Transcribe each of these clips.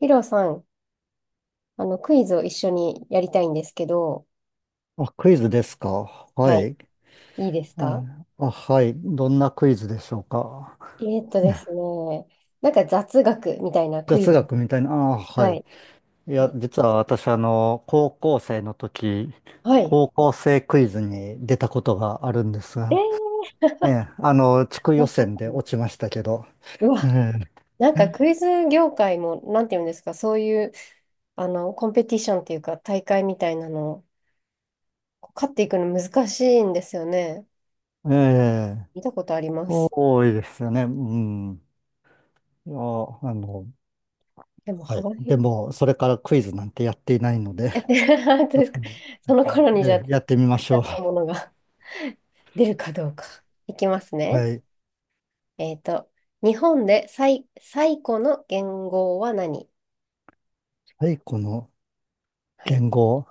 ヒロさん、クイズを一緒にやりたいんですけど、あ、クイズですか。ははい、い。いいですか？あ、はい。どんなクイズでしょうか。えーっとですね、なんか雑学みたいなクイ雑ズ。学みたいな。あ、ははい。い。いや、え、実は私、高校生の時、はい。高校生クイズに出たことがあるんですえが、ー、ええ、地区ま予さか選での。落ちましたけど、うわ、えなんかクイズ業界も、なんていうんですか、そういう、コンペティションっていうか、大会みたいなの、こう勝っていくの難しいんですよね。え、ええ、見たことあります。多いですよね。うん。いや、あの、でもはい。幅で広い。も、それからクイズなんてやっていないので、え、本当ですうか。ん、その頃にじゃあ、ええ、だやってみましょう。ったものが 出るかどうか。いきますね。はい。えっと、日本で最古の元号は何？最古のはい。言語。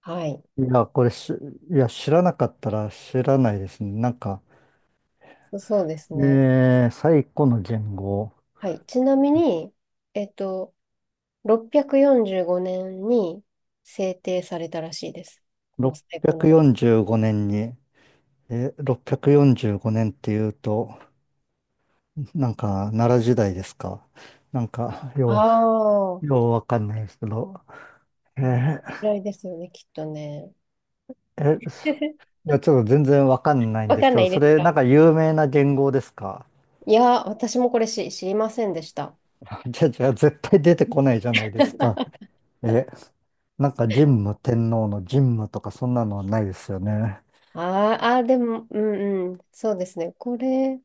はい。いや、これし、いや、知らなかったら知らないですね。そうですね。最古の言語、はい。ちなみに、えっと、645年に制定されたらしいです。この最古の元645年に、645年っていうと、奈良時代ですか。なんか、号。よああ、こようわかんないですけど、えれー、らいですよね、きっとね。え、いや、ちょっと全然わかんないんわでかすけんなど、いそですれ、か？なんか有名な言語ですか。いや、私もこれし知りませんでした。じゃ、絶対出てこないじゃないですか。え、なんか神武天皇の神武とかそんなのはないですよね。あーあー、でも、うんうん、そうですね。これ、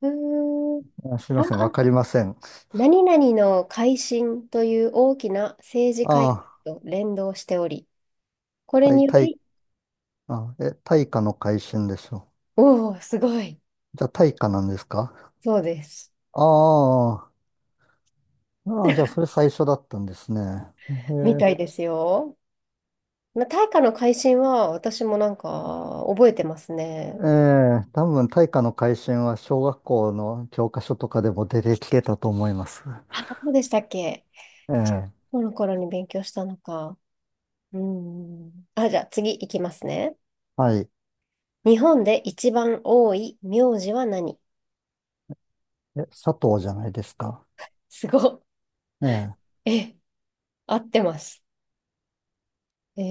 うーん。あ、すいあ、ません、わあかりません。何々の改新という大きな政治あ改あ、革と連動しており、これ対、によ対、り、あ、え、対価の改新でしょおお、すごい、う。じゃあ、対価なんですか？そうです。ああ、ああ、じゃあ、それ最初だったんですね。えみたいえ、ですよ。まあ、大化の改新は私もなんか覚えてますえね。え、多分、対価の改新は小学校の教科書とかでも出てきてたと思います。あ、そうでしたっけ。ええ、この頃に勉強したのか。うん。あ、じゃあ次いきますね。はい。日本で一番多い名字は何？え、佐藤じゃないですか。すごっ。ええ、え、合ってます。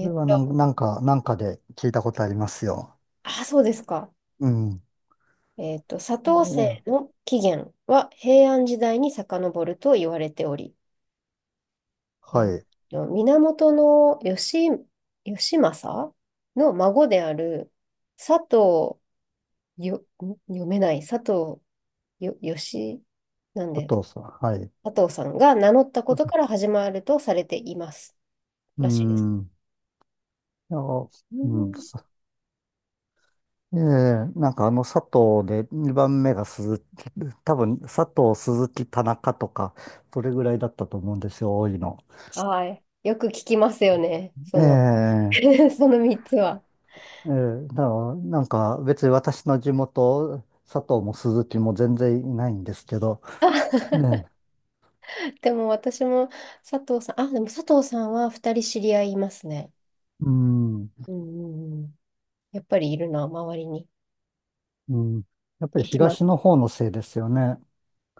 こーれっはと、なんか、なんかで聞いたことありますよ。あ、そうですか。うん。砂糖政ええ、の起源は平安時代に遡ると言われており、えはっい。源の義、義政の孫である佐藤よ、ん読めない佐藤よ、義、なんで、佐藤さん。はい。佐藤さんが名乗ったことから始まるとされていますうらしいです。ん。いや、ううん。ん。ええ、なんかあの佐藤で2番目が鈴木、多分佐藤、鈴木、田中とか、それぐらいだったと思うんですよ、多いの。はい。よく聞きますよね。そえの、え、その3つは。ええ、だからなんか別に私の地元、佐藤も鈴木も全然いないんですけど、あ、ねえ、でも私も佐藤さん、あ、でも佐藤さんは2人知り合いいますね。うん、うんうんうん。やっぱりいるな、周りに。うん、やっぱり行きま東のす。方のせいですよね。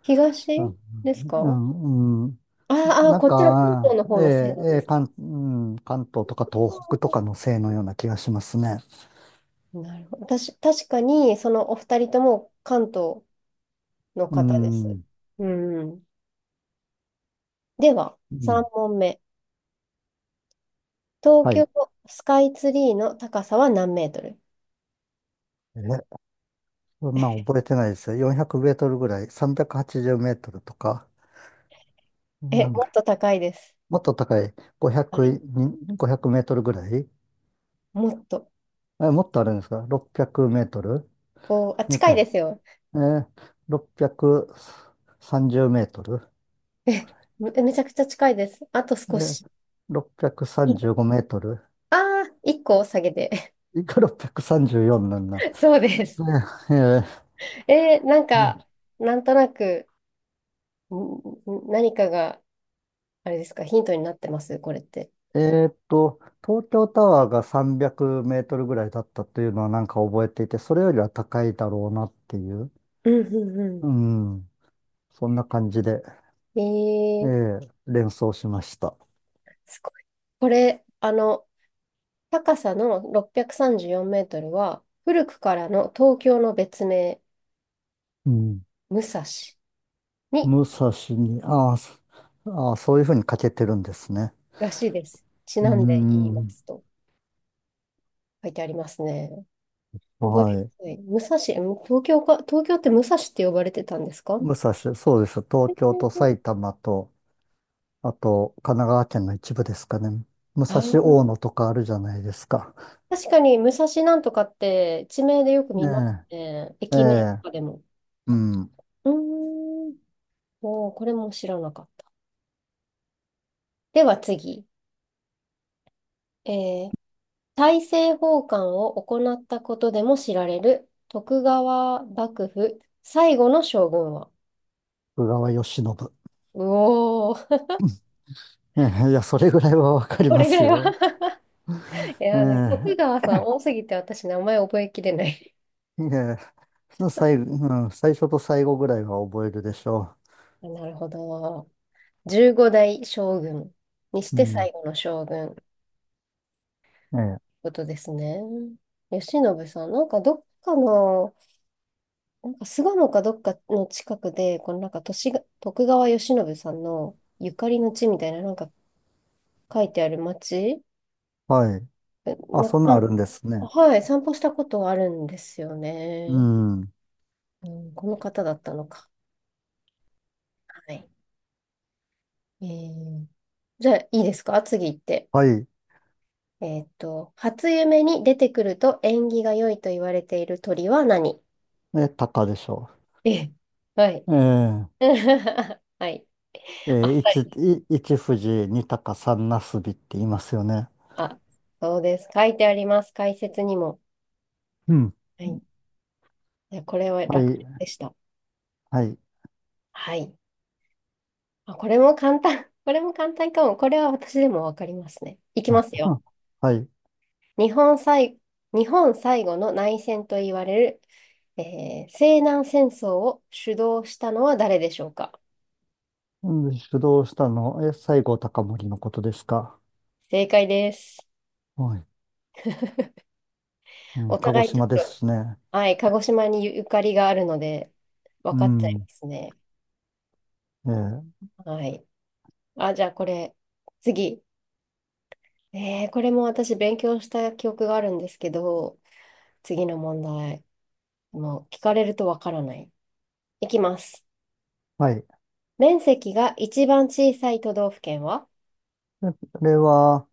東うん、ですうか？ん、うん、ああ、なんこっちの関か、東のえ方のせいえ、なんえでえ、す。うん、関東とか東北とかのせいのような気がしますね。なるほど。私、確かに、そのお二人とも関東のう方です。ん。うん。では、う3ん。問目。東は京い。スカイツリーの高さは何メートル？え、そんなん覚えてないですよ。400メートルぐらい、380メートルとか、え、なんもっか、と高いです。もっと高い、は500、い。にごひゃくメートルぐらい、もっと。え、もっとあるんですか？ 600 メートル、おー、あ、なん近いでか、すよ。えー、630メートル、え、めちゃくちゃ近いです。あとえ少ー、し。635メい、ートルああ、一個下げて。いくら634なんだ。そうです。ねええーなんか、ーなんとなく、んん、何かが、あれですか、ヒントになってます、これって。えーっと、東京タワーが300メートルぐらいだったというのはなんか覚えていて、それよりは高いだろうなっていう、うんうんううん、そんな感じで、ん。ええー、ー連想しました。すごい。これ、高さの634メートルは、古くからの東京の別名、うん。武蔵に、武蔵に、あー、そういうふうに書けてるんですね。らしいです。ちうなんで言いまん。すと書いてありますね。覚えやはい。すい。武蔵、東京か、東京って武蔵って呼ばれてたんですか？武蔵、そうです。東京と埼玉と、あと神奈川県の一部ですかね。武あ蔵ー、大野とかあるじゃないですか。確かに武蔵なんとかって地名でよく見ますねね。え、え駅名とえ、かでも。うん。うーん。おー、これも知らなかった。では次。えー、大政奉還を行ったことでも知られる徳川幕府最後の将軍は？徳川慶喜。うおー、ええ、いや、それぐらいはわかりこまれぐすらいは よ。いえや、なんか徳え、川さん多すぎて私名前覚えきれない。いや、最後、うん、最初と最後ぐらいは覚えるでしょ なるほど。15代将軍にしう。うてん。最後の将軍ってええ、ことですね。慶喜さん、なんかどっかの、なんか巣鴨かどっかの近くで、このなんか都市が、徳川慶喜さんのゆかりの地みたいな、なんか書いてある町、はい。え、あ、なそんなんあんか、るんですね。はい、散歩したことがあるんですようね。ん。うん、この方だったのか。はい。えー、じゃあ、いいですか次行って。はい。えーっと、初夢に出てくると縁起が良いと言われている鳥は何？え、鷹でしょええ、はい。う。え はい。え、えあっえ、さり。一富士、二鷹、三なすびって言いますよね。あ、そうです。書いてあります。解説にも。うん。はい。いやこれはは楽い。でした。はい。はい。あ、これも簡単。これも簡単かも。これは私でもわかりますね。いきあ、ますうよ。ん、はい。日本最、日本最後の内戦と言われる、えー西南戦争を主導したのは誰でしょうか？うん、主導したの、え、西郷隆盛のことですか。正解です。はい。うん、お鹿児互いちょ島っですと、しね。はい、鹿児島にゆかりがあるので、う分かっちゃいまん。すね。ええ、はい。あ、じゃあこれ、次。えー、これも私勉強した記憶があるんですけど、次の問題。もう聞かれるとわからない。いきます。はい。面積が一番小さい都道府県は？ あれは、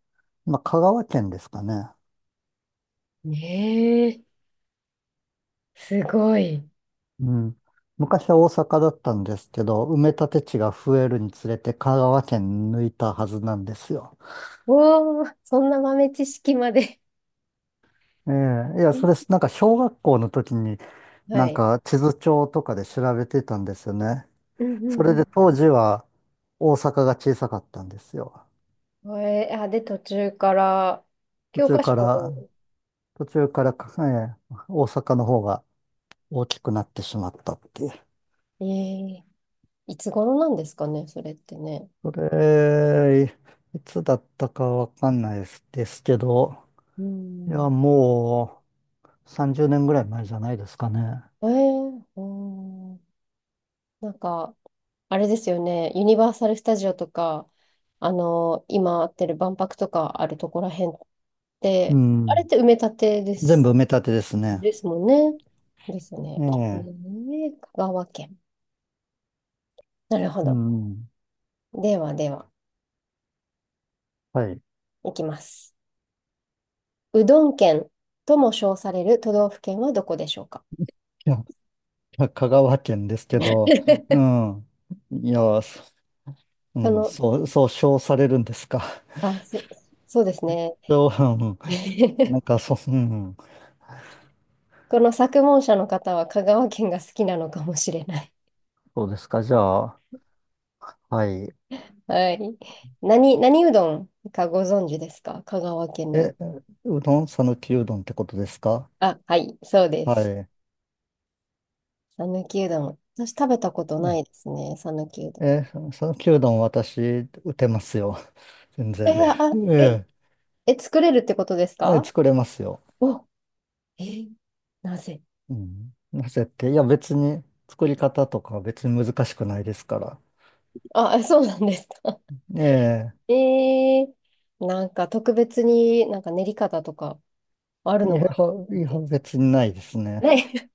まあ、香川県ですかね。ねえ、すごい。うん。昔は大阪だったんですけど、埋め立て地が増えるにつれて香川県抜いたはずなんですよ。おー、そんな豆知識までええ、いや、ね、 それ、なんか小学校の時に はなんい。か地図帳とかで調べてたんですよね。うんそれうでん当時は大阪が小さかったんですよ。うん。えー、あ、で、途中から、途教中科書から、を、途中からか、ええ、大阪の方が大きくなってしまったっていう。えー、いつ頃なんですかね、それってね。それ、いつだったかわかんないですですけど、ういや、ん。もう30年ぐらい前じゃないですかね。えー、うん、なんか、あれですよね、ユニバーサル・スタジオとか、今あってる万博とかあるところらへんっうて、あれっん。て埋め立てで全す、部埋め立てですね。ですもんね。ですえね。ええ。ー、香川県。なるほうど。ん。ではでは、はい。いきます。うどん県とも称される都道府県はどこでしょうか？ いや、香川 県ですけど、うこん。いや、そうん、の、そう称されるんですか。あ、そ、そうですね。そう、うん。な んか、そう、うん。この作文者の方は香川県が好きなのかもしれない。そうですか。じゃあ、はい。はい。何、何うどんかご存知ですか香川県の。え、うどん、さぬきうどんってことですか？あ、はい、そうです。は讃岐うどん。私食べたことない。いですね、讃岐うどん。えー、讃岐うどん私、打てますよ。全え、然。あ、え、ええ、え、作れるってことですはい、か？作れますよ。お、え、なぜ？うん。なぜって、いや別に作り方とか別に難しくないですから。あ、そうなんですか。ええー、なんか特別になんか練り方とかあるえ、いのや、いかなっやて。別にないですね。ね、